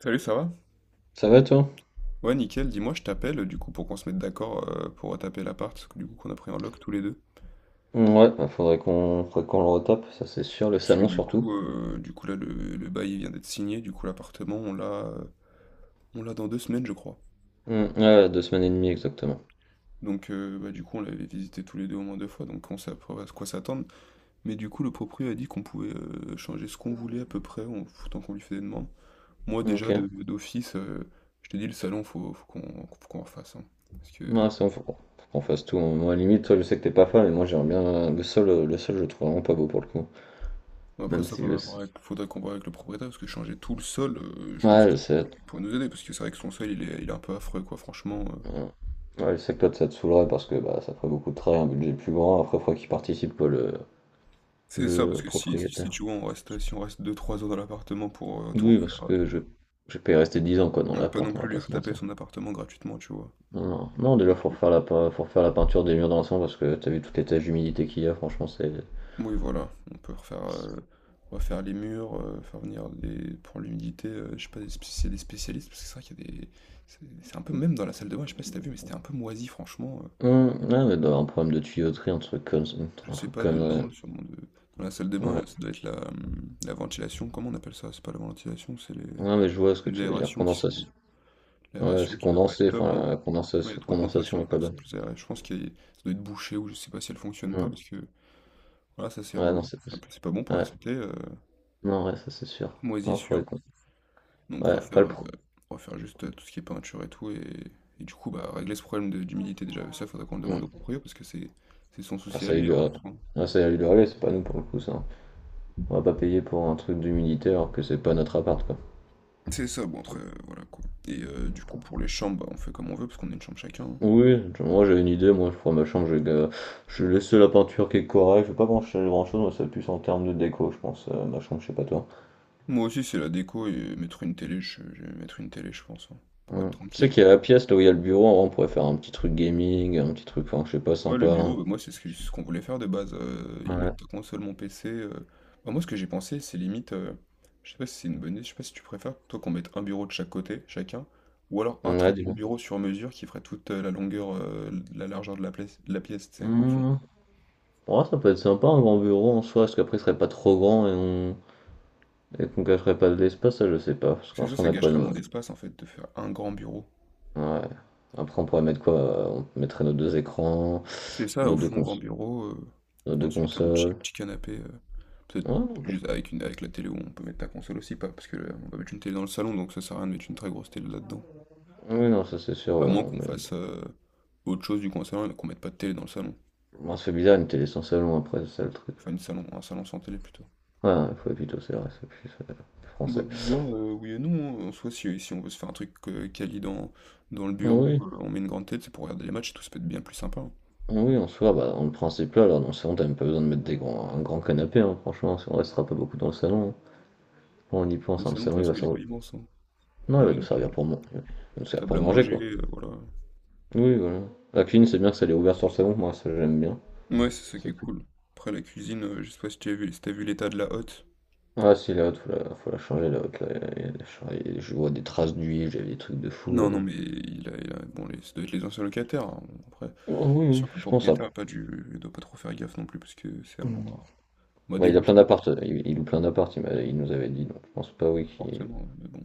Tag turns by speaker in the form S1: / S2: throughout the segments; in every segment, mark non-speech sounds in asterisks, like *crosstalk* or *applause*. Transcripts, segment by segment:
S1: Salut, ça va?
S2: Ça va toi?
S1: Ouais, nickel. Dis-moi, je t'appelle du coup pour qu'on se mette d'accord pour retaper l'appart, parce que du coup qu'on a pris en lock tous les deux.
S2: Mmh, ouais, bah, faudrait qu'on le retape, ça c'est sûr, le
S1: Parce que
S2: salon surtout.
S1: du coup là, le bail il vient d'être signé. Du coup, l'appartement, on l'a dans deux semaines, je crois.
S2: Mmh, ouais, deux semaines et demie exactement.
S1: Donc, du coup, on l'avait visité tous les deux au moins deux fois, donc on sait à peu près à quoi s'attendre. Mais du coup, le proprio a dit qu'on pouvait changer ce qu'on voulait à peu près, en tant qu'on lui fait des demandes. Moi,
S2: Ok.
S1: déjà d'office, je te dis le salon, faut qu'on refasse, hein. parce que
S2: Ouais, c'est bon, faut qu'on fasse tout. Moi, limite, toi, je sais que t'es pas fan, mais moi, j'aimerais bien. Le sol, je le trouve vraiment pas beau pour le coup.
S1: Bon, après
S2: Même
S1: ça,
S2: si je sais.
S1: faudrait qu'on voit avec le propriétaire, parce que changer tout le sol, je pense
S2: Ouais,
S1: qu'il
S2: je sais.
S1: pourrait nous aider, parce que c'est vrai que son sol, il est un peu affreux, quoi, franchement.
S2: Ouais, ouais, je sais que toi, ça te saoulerait parce que bah, ça ferait beaucoup de travail, un budget plus grand. Après, faudrait qu'il participe, quoi, le,
S1: C'est ça, parce
S2: le
S1: que si
S2: propriétaire.
S1: tu vois, si on reste deux trois heures dans l'appartement pour tout
S2: Oui, parce
S1: refaire,
S2: que je peux y rester 10 ans, quoi, dans
S1: on va pas non
S2: l'appart, on va
S1: plus lui
S2: pas se
S1: retaper
S2: mentir.
S1: son appartement gratuitement, tu vois.
S2: Non, non, déjà
S1: Donc,
S2: faut refaire faut refaire la peinture des murs dans l'ensemble parce que t'as vu toutes les taches d'humidité qu'il y a, franchement c'est.
S1: oui, voilà, on peut refaire, on va faire les murs, faire venir des, pour l'humidité, je sais pas si c'est des spécialistes, parce que c'est vrai qu'il y a des... C'est un peu, même dans la salle de bain, je sais pas si t'as vu, mais c'était un peu moisi, franchement.
S2: Ouais, mais d'avoir un problème de tuyauterie, un truc comme ça-
S1: Je
S2: un
S1: sais
S2: truc
S1: pas
S2: comme
S1: de non, sûrement de dans la salle des bains,
S2: ouais.
S1: ça doit être la ventilation, comment on appelle ça? C'est pas la ventilation, c'est les,
S2: Ouais, mais je vois ce que
S1: les
S2: tu veux dire,
S1: aérations qui sont
S2: condensation. Ouais,
S1: l'aération
S2: c'est
S1: qui doit pas être
S2: condensé,
S1: top, hein.
S2: enfin la
S1: Ouais, il y a
S2: condensation,
S1: trop de condensation,
S2: est
S1: faudrait
S2: pas
S1: que c'est
S2: bonne.
S1: plus aéré. Je pense qu'il y a- ça doit être bouché ou je sais pas si elle fonctionne pas
S2: Hum.
S1: parce que voilà, ça c'est
S2: Ouais, non,
S1: relou.
S2: c'est pas.
S1: Après, c'est pas bon pour la
S2: Ouais,
S1: santé,
S2: non, ouais, ça c'est sûr. Non, faudrait
S1: moisissure.
S2: qu'on.
S1: Donc
S2: Ouais, après le pro.
S1: refaire juste tout ce qui est peinture et tout et du coup bah régler ce problème d'humidité déjà. Et ça faudrait qu'on le demande
S2: Hum.
S1: au proprio parce que c'est son
S2: Ah,
S1: souci à
S2: ça a eu
S1: lui,
S2: du
S1: hein, en
S2: relais.
S1: soi.
S2: Ah, ça a eu du relais, c'est pas nous pour le coup ça. On va pas payer pour un truc d'humidité alors que c'est pas notre appart quoi.
S1: C'est ça, bon après, voilà quoi. Et du coup, pour les chambres, bah, on fait comme on veut parce qu'on a une chambre chacun, hein.
S2: Oui, moi j'ai une idée, moi je prends ma chambre, je vais laisser la peinture qui est correcte, je vais pas brancher grand chose, moi c'est plus en termes de déco, je pense, ma chambre, je sais pas toi.
S1: Moi aussi, c'est la déco et mettre une télé, je vais mettre une télé, je pense, hein, pour être
S2: Ouais. Tu sais
S1: tranquille.
S2: qu'il y a la pièce là où il y a le bureau, en vrai, on pourrait faire un petit truc gaming, un petit truc, enfin je sais pas,
S1: Moi,
S2: sympa,
S1: le bureau,
S2: hein.
S1: bah, moi, c'est ce qu'on voulait faire de base. Y
S2: Ouais,
S1: mettre ta console, mon PC. Bah, moi, ce que j'ai pensé, c'est limite, je sais pas si c'est une bonne idée, je sais pas si tu préfères, toi, qu'on mette un bureau de chaque côté, chacun, ou alors un
S2: ouais,
S1: très grand
S2: dis-moi.
S1: bureau sur mesure qui ferait toute la longueur, la largeur de la pièce, tu sais, au fond.
S2: Hmm. Ouais, ça peut être sympa un grand bureau en soi, parce qu'après il serait pas trop grand et qu'on gâcherait pas de l'espace, ça je sais pas, parce
S1: C'est
S2: qu'en
S1: ça,
S2: soi
S1: ça
S2: on a quoi
S1: gâcherait
S2: dans-.
S1: moins d'espace en fait, de faire un grand bureau.
S2: Ouais. Après on pourrait mettre quoi? On mettrait nos deux écrans,
S1: C'est ça,
S2: nos
S1: au
S2: deux
S1: fond,
S2: cons...
S1: grand bureau,
S2: nos deux
S1: ensuite un
S2: consoles.
S1: petit canapé, peut-être
S2: Ouais,
S1: juste avec une avec la télé où on peut mettre la console aussi, pas parce que on va mettre une télé dans le salon, donc ça sert à rien de mettre une très grosse télé là-dedans.
S2: oui, non, ça c'est sûr,
S1: À
S2: ouais,
S1: moins
S2: on
S1: qu'on
S2: met
S1: fasse, autre chose du coin salon et qu'on mette pas de télé dans le salon.
S2: bon, ça bizarre une télé sans salon après, c'est ça le truc.
S1: Enfin une salon un salon sans télé plutôt.
S2: Ouais, il faut plutôt c'est vrai, c'est plus
S1: Bah
S2: français.
S1: bizarre, oui et non, hein. En soi, si on veut se faire un truc, quali dans le bureau,
S2: Oui,
S1: on met une grande télé, c'est pour regarder les matchs et tout, ça peut être bien plus sympa, hein.
S2: oui, en soi, bah, dans le principe là, alors dans le salon, t'as même pas besoin de mettre un grand canapé, hein, franchement, si on restera pas beaucoup dans le salon, hein. Quand on y
S1: Le
S2: pense, hein, le
S1: salon de toute
S2: salon, il va
S1: façon il est
S2: servir.
S1: pas immense, hein.
S2: Non,
S1: On
S2: il
S1: met
S2: va nous servir
S1: une
S2: pour manger. Il va nous servir pour
S1: table à
S2: manger,
S1: manger,
S2: quoi.
S1: voilà.
S2: Oui, voilà. La cuisine, c'est bien que ça l'ait ouvert sur le salon, moi, ça j'aime bien.
S1: Ouais, c'est ça qui est
S2: C'est plus...
S1: cool. Après, la cuisine, je sais pas si tu as vu, si t'as vu l'état de la hotte.
S2: Ah, si, la haute, faut la changer, la haute, là, il y a je vois des traces d'huile, j'avais des trucs de fou.
S1: Non, non,
S2: euh.
S1: mais bon, ça doit être les anciens locataires, hein. Bon, après,
S2: Oh, oui,
S1: c'est
S2: oui,
S1: sûr que le
S2: je pense, hein.
S1: propriétaire a pas dû, il doit pas trop faire gaffe non plus, parce que c'est vraiment bah,
S2: Bah, il a plein
S1: dégoûtant,
S2: d'appart, il loue plein d'appart, il nous avait dit, donc je pense pas oui qu'il
S1: forcément, ouais, mais bon.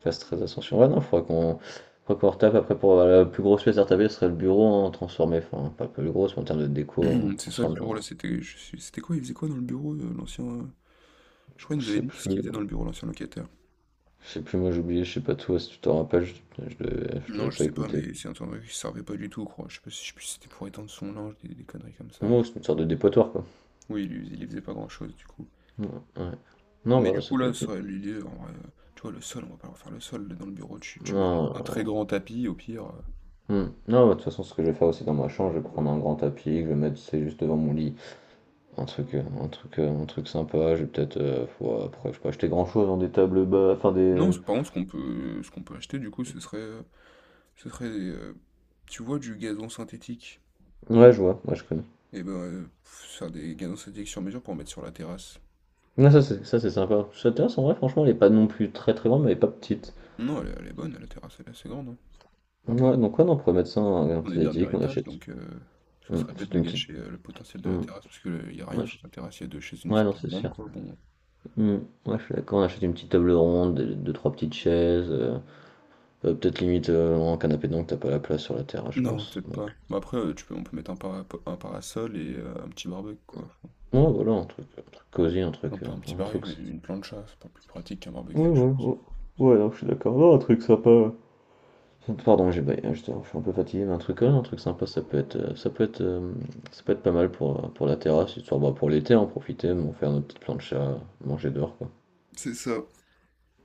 S2: fasse très attention. Ouais non, il faudra qu'on retape après pour la plus grosse pièce à retaper, ce serait le bureau en transformé, enfin pas la plus grosse, mais en termes de déco en
S1: *clears throat* C'est ça le
S2: transformé en-.
S1: bureau là, c'était quoi? Il faisait quoi dans le bureau, l'ancien. Je crois qu'il
S2: Je
S1: nous avait
S2: sais
S1: dit qu'est-ce qu'il
S2: plus,
S1: faisait dans le bureau, l'ancien locataire.
S2: je sais plus, moi j'ai oublié, je sais pas tout, si tu t'en rappelles, je, je devais, je
S1: Non,
S2: devais
S1: je
S2: pas
S1: sais pas,
S2: écouter.
S1: mais c'est un truc qui servait pas du tout, quoi. Je sais pas si je sais plus si c'était pour étendre son linge, des conneries comme ça, je
S2: Moi
S1: sais.
S2: c'est une sorte de dépotoir quoi.
S1: Oui, il y faisait pas grand-chose, du coup.
S2: Ouais. Ouais. Non
S1: Mais du
S2: bah ça
S1: coup,
S2: peut
S1: là,
S2: être.
S1: ça, l'idée, en vrai, tu vois, le sol, on va pas refaire le sol là, dans le bureau. Tu mets un très
S2: Non,
S1: grand tapis, au pire. Heu.
S2: hmm. Non, bah, de toute façon ce que je vais faire aussi dans ma chambre, je vais prendre un grand tapis, que je vais mettre c'est juste devant mon lit. Un truc sympa, j'ai peut-être. Ouais, après, j'ai pas acheter grand-chose dans des tables bas, enfin
S1: Non,
S2: des.
S1: ce par contre, ce qu'on peut acheter, du coup, ce serait, des, tu vois, du gazon synthétique?
S2: Ouais, je vois, ouais, je connais.
S1: Et ben, faire des gazons synthétiques sur mesure pour mettre sur la terrasse.
S2: Ouais, ça, c'est sympa. Cette terrasse, en vrai, franchement, elle est pas non plus très très grande, mais elle est pas petite.
S1: Non, elle est bonne, la terrasse, elle est assez grande, hein.
S2: Ouais, donc, ouais, non, on pourrait mettre ça en un
S1: On est dernier
S2: esthétique, on
S1: étage,
S2: achète.
S1: donc ce serait bête
S2: On
S1: de
S2: une petite.
S1: gâcher, le potentiel de la
S2: hum,
S1: terrasse parce que, il y a
S2: on
S1: rien sur
S2: achète-.
S1: sa terrasse. Il y a 2 chaises, une
S2: Ouais,
S1: petite
S2: non,
S1: table
S2: c'est
S1: ronde,
S2: sûr.
S1: quoi, bon.
S2: Ouais, je suis d'accord, on achète une petite table ronde, deux, trois petites chaises. Peut-être limite en canapé, donc t'as pas la place sur la terrasse, je
S1: Non,
S2: pense.
S1: peut-être
S2: Donc,
S1: pas. Mais après, tu peux on peut mettre un para un parasol et un petit barbecue, quoi, enfin.
S2: ouais, voilà, un truc,
S1: Un peu un petit baril, mais une plancha, c'est pas plus pratique qu'un
S2: Ouais,
S1: barbecue, je
S2: ouais,
S1: pense.
S2: ouais. Ouais, non, je suis d'accord. Non, un truc sympa. Ouais. Pardon, j'ai baillé, je suis un peu fatigué, mais un truc, ouais, un truc sympa, ça peut être pas mal pour, pour la terrasse, histoire, bah, pour l'été, en profiter, bon, faire notre petite plancha, manger dehors, quoi.
S1: C'est ça.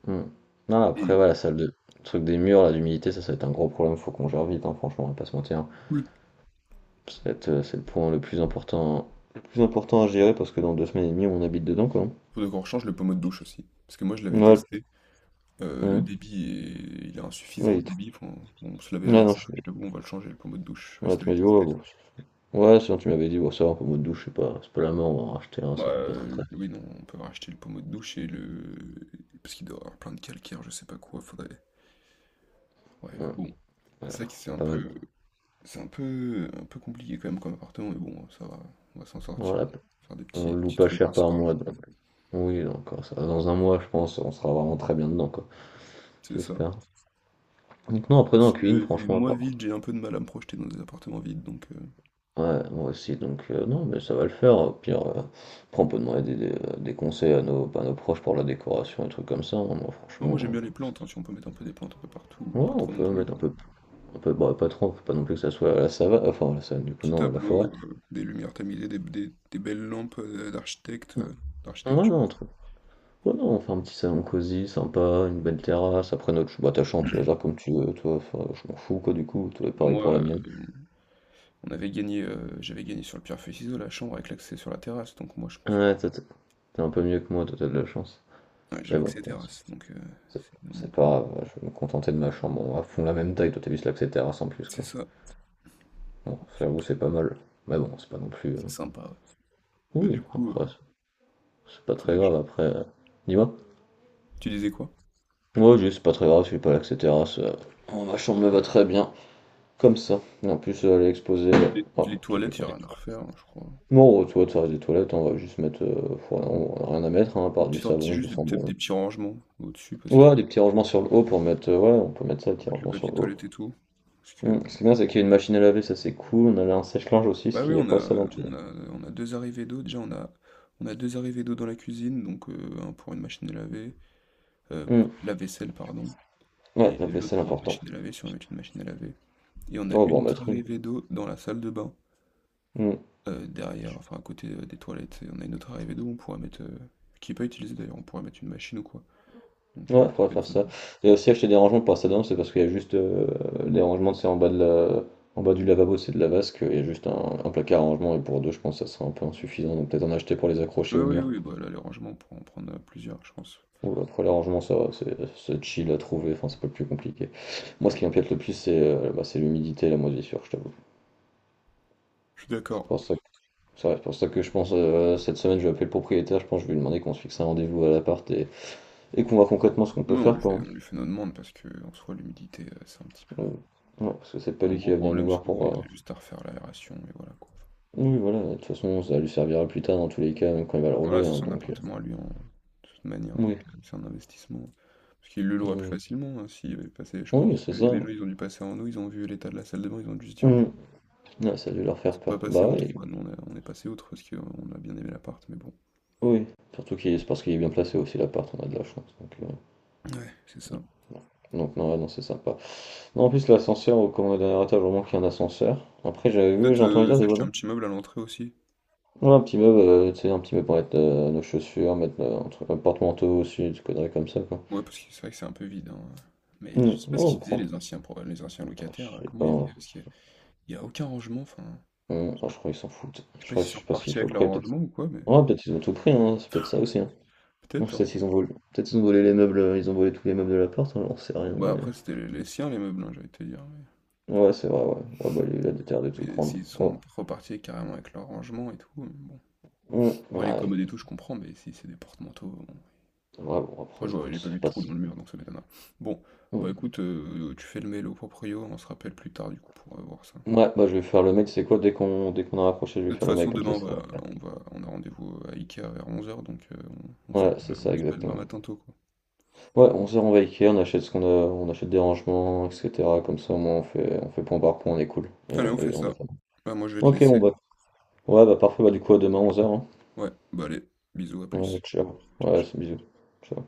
S2: Hmm. Non, après,
S1: Et
S2: voilà, le truc des murs, là, d'humidité, ça va être un gros problème, faut qu'on gère vite, hein, franchement, on va pas se mentir.
S1: cool.
S2: Ça va être, c'est le point le plus important à gérer, parce que dans deux semaines et demie, on habite dedans, quoi.
S1: Faut qu'on rechange le pommeau de douche aussi. Parce que moi, je
S2: Ouais,
S1: l'avais
S2: le-
S1: testé. Le
S2: hmm.
S1: débit est il est
S2: Ouais,
S1: insuffisant,
S2: il
S1: le
S2: est trop-.
S1: débit, enfin on se lavait
S2: Ouais,
S1: avec
S2: non, je
S1: ça.
S2: suis
S1: Je
S2: d'accord.
S1: t'avoue, on va le changer, le pommeau de douche. Je sais pas si
S2: Ouais, tu
S1: t'avais
S2: m'as dit, ouais,
S1: testé, toi.
S2: bon. Ouais, sinon tu m'avais dit, bon, ça va, un pommeau de douche, c'est pas la mort, on va en racheter un,
S1: Bah,
S2: ça coûte pas très très.
S1: oui, non, on peut racheter le pommeau de douche et le. Parce qu'il doit avoir plein de calcaire, je sais pas quoi. Faudrait. Ouais,
S2: Ouais,
S1: bon.
S2: ouais,
S1: C'est vrai que c'est un
S2: pas mal.
S1: peu. C'est un peu un peu compliqué quand même comme appartement, mais bon, ça va. On va s'en sortir.
S2: Voilà,
S1: Faire
S2: on
S1: des
S2: le loue
S1: petits
S2: pas
S1: trucs
S2: cher
S1: par-ci
S2: par
S1: par-là,
S2: mois,
S1: quoi.
S2: donc. Oui, donc ça va, dans un mois, je pense, on sera vraiment très bien dedans, quoi.
S1: C'est ça.
S2: J'espère. Donc, non, après, dans la cuisine,
S1: Je-
S2: franchement, à
S1: moi,
S2: part.
S1: vide, j'ai un peu de mal à me projeter dans des appartements vides, donc...
S2: Ouais, moi aussi, donc, non, mais ça va le faire. Au pire, après, on peut demander des conseils à nos proches pour la décoration et trucs comme ça, hein. Moi,
S1: Moi,
S2: franchement,
S1: j'aime bien les plantes, hein, si on peut mettre un peu des plantes un peu partout,
S2: ouais,
S1: pas
S2: on
S1: trop non
S2: peut
S1: plus.
S2: mettre
S1: Mais
S2: un peu, bah, pas trop, faut pas non plus que ça soit à la savane, enfin, à la savane, du coup,
S1: petit
S2: non, à la forêt.
S1: tableau, des lumières tamisées, des belles lampes
S2: Ouais,
S1: d'architecture.
S2: non. Ouais, non, on fait un petit salon cosy, sympa, une belle terrasse. Après, bah, ta chambre, tu la gères comme tu veux, toi. Enfin, je m'en fous, quoi, du coup. Toi,
S1: Enfin,
S2: pareil
S1: moi,
S2: pour la mienne.
S1: j'avais gagné sur le pierre-feuille-ciseau la chambre avec l'accès sur la terrasse, donc moi, je pense que...
S2: Ouais, toi, t'es un peu mieux que moi, toi, t'as de la chance.
S1: Ouais, j'ai
S2: Mais bon,
S1: l'accès
S2: bon,
S1: terrasse, donc
S2: c'est
S1: c'est un bon
S2: c'est pas
S1: point.
S2: grave, ouais, je vais me contenter de ma chambre. On va fond la même taille, toi, t'as vu, c'est que c'est terrasse en plus,
S1: C'est
S2: quoi.
S1: ça,
S2: Bon, ça, j'avoue,
S1: c'est
S2: c'est pas mal. Mais bon, c'est pas non plus.
S1: c'est sympa, ouais. Bah, du
S2: Oui,
S1: coup,
S2: après, c'est pas très
S1: faudrait que je-
S2: grave, après. Dis-moi.
S1: Tu disais quoi?
S2: Ouais, juste, c'est pas très grave, je suis pas là que c'est terrasse. Oh, ma chambre me va très bien, comme ça. Et en plus, elle est exposée. Oh,
S1: Les
S2: c'est que
S1: toilettes, il
S2: toi.
S1: n'y a rien à refaire, hein, je crois.
S2: Non, aux toilettes, ça reste des toilettes, hein, on va juste mettre, rien à mettre, hein, à part du
S1: Petit un petit
S2: savon, du
S1: juste des peut-être des
S2: sambon.
S1: petits rangements au-dessus parce que
S2: Ouais, des petits rangements sur le haut pour mettre, ouais, on peut mettre ça, des
S1: faut
S2: petits
S1: mettre le
S2: rangements sur
S1: papier
S2: le haut.
S1: toilette et tout. Parce que
S2: Ce qui est bien, c'est qu'il y a une machine à laver, ça c'est cool, on a là un sèche-linge aussi, ce
S1: bah oui,
S2: qu'il n'y a pas ça dans tout.
S1: on a on a 2 arrivées d'eau déjà, on a 2 arrivées d'eau dans la cuisine, donc 1 pour une machine à laver, heu,
S2: Hmm,
S1: lave-vaisselle pardon,
S2: ouais,
S1: et
S2: la
S1: l'autre
S2: vaisselle,
S1: pour une
S2: important.
S1: machine à laver si on veut mettre une machine à laver, et on a
S2: On va
S1: une
S2: en
S1: autre
S2: mettre une.
S1: arrivée d'eau dans la salle de bain,
S2: Hmm,
S1: derrière, enfin à côté, des toilettes, et on a une autre arrivée d'eau, on pourra mettre, qui est pas utilisée d'ailleurs, on pourrait mettre une machine ou quoi. Donc
S2: ouais,
S1: ça
S2: faudrait
S1: peut être
S2: faire ça.
S1: sympa.
S2: Et aussi acheter des rangements pour ça dedans, c'est parce qu'il y a juste des rangements, c'est en bas du lavabo, c'est de la vasque, il y a juste un placard à rangement, et pour deux, je pense que ça sera un peu insuffisant, donc peut-être en acheter pour les accrocher
S1: Oui,
S2: au
S1: oui,
S2: mur.
S1: oui, bah là les rangements on pourra en prendre, plusieurs je pense.
S2: Bon, après l'arrangement ça va, c'est chill à trouver, enfin c'est pas le plus compliqué. Moi ce qui m'inquiète le plus c'est bah, c'est l'humidité et la moisissure, je t'avoue.
S1: Je suis
S2: C'est
S1: d'accord.
S2: pour ça que, c'est pour ça que je pense cette semaine je vais appeler le propriétaire, je pense que je vais lui demander qu'on se fixe un rendez-vous à l'appart et, qu'on voit concrètement ce qu'on
S1: Oui,
S2: peut faire quoi.
S1: on lui fait nos demandes parce que en soi, l'humidité, c'est un petit peu
S2: Donc, ouais, parce que c'est pas
S1: un
S2: lui qui
S1: gros
S2: va venir nous
S1: problème,
S2: voir
S1: surtout,
S2: pour.
S1: il
S2: euh,
S1: a juste à refaire l'aération et voilà, quoi.
S2: Oui voilà, de toute façon ça lui servira plus tard dans tous les cas, même quand il va le
S1: Enfin, voilà,
S2: relouer,
S1: c'est
S2: hein,
S1: son
S2: donc.
S1: appartement à lui, en de toute manière, donc
S2: Oui,
S1: c'est un investissement. Parce qu'il le louera plus
S2: oui.
S1: facilement, hein, s'il avait passé, je pense
S2: Oui, c'est
S1: que
S2: ça.
S1: les gens, ils ont dû passer en nous, ils ont vu l'état de la salle de bain, ils ont dû se dire:
S2: Mm.
S1: «Bon,
S2: Ouais, ça a dû leur
S1: ils
S2: faire
S1: sont pas
S2: peur.
S1: passés
S2: Bah
S1: outre,
S2: oui,
S1: quoi». Nous, on est passé outre parce qu'on a bien aimé l'appart, mais bon.
S2: oui. Surtout qu'il c'est parce qu'il est bien placé aussi l'appart, on a de la chance. Donc, euh,
S1: Ouais, c'est ça.
S2: Donc non, ouais, non, c'est sympa. Non, en plus, l'ascenseur, comme on est au dernier étage, vraiment qu'il y a un ascenseur. Après, j'avais vu, j'ai
S1: Peut-être,
S2: entendu dire des
S1: s'acheter un
S2: voisins.
S1: petit meuble à l'entrée aussi.
S2: Ouais, un petit meuble, tu sais, un petit meuble pour mettre nos chaussures, mettre un truc, un porte-manteau aussi, des conneries comme ça, quoi.
S1: Ouais, parce que c'est vrai que c'est un peu vide, hein, mais je
S2: Hmm,
S1: sais pas
S2: non,
S1: ce
S2: on
S1: qu'ils faisaient
S2: prend.
S1: les anciens locataires,
S2: Je
S1: là,
S2: sais
S1: comment
S2: pas,
S1: ils vivaient?
S2: hein.
S1: Parce que Il y a aucun rangement, enfin,
S2: Hmm,
S1: je sais
S2: ah,
S1: pas
S2: je
S1: comment-
S2: crois qu'ils s'en foutent.
S1: je sais
S2: Je
S1: pas
S2: crois,
S1: s'ils
S2: je
S1: sont
S2: sais pas ce qu'il
S1: repartis
S2: faut.
S1: avec leur
S2: Après, peut-être.
S1: rangement ou quoi, mais
S2: Ouais, peut-être ils ont tout pris, hein. C'est peut-être ça aussi, hein. Donc,
S1: peut-être, hein.
S2: peut-être ils ont volé. Peut-être ils ont volé les meubles, ils ont volé tous les meubles de l'appart, hein, j'en sais rien,
S1: Bah après, c'était les siens, les meubles, hein, j'allais te dire,
S2: mais. Ouais, c'est vrai, ouais. Ouais, bah, il a des terres de tout
S1: mais
S2: prendre.
S1: s'ils
S2: Ouais.
S1: sont repartis carrément avec leur rangement et tout, mais bon.
S2: Hmm,
S1: En vrai, les
S2: ouais.
S1: commodes et tout, je comprends, mais si c'est des porte-manteaux, bon.
S2: Ouais, bon,
S1: Moi,
S2: après,
S1: je vois-
S2: écoute,
S1: j'ai pas vu
S2: c'est
S1: de
S2: pas
S1: trou
S2: ça.
S1: dans le mur, donc ça m'étonne. Bon, bah
S2: Hmm.
S1: écoute, tu fais le mail au proprio, on se rappelle plus tard, du coup, pour voir ça.
S2: Ouais, bah je vais faire le mec, c'est quoi? Dès qu'on a rapproché, je vais
S1: De toute
S2: faire le
S1: façon,
S2: mec, comme
S1: demain,
S2: ça ça.
S1: on a rendez-vous à Ikea vers 11h, donc
S2: Ouais, c'est ça,
S1: on s'appelle demain
S2: exactement.
S1: matin tôt, quoi.
S2: Ouais, on se rend à Ikea, on achète ce qu'on a, on achète des rangements, etc. Comme ça, au moins, on fait point par point, on est cool.
S1: Allez, on fait
S2: Et on
S1: ça.
S2: est pas mal.
S1: Bah, moi, je vais te
S2: Ok, bon,
S1: laisser.
S2: bah. Ouais, bah parfait, bah du coup, à demain, 11 h.
S1: Ouais, bah allez, bisous, à
S2: Ouais,
S1: plus.
S2: ciao.
S1: Ciao,
S2: Ouais,
S1: ciao.
S2: c'est bisous. Ciao.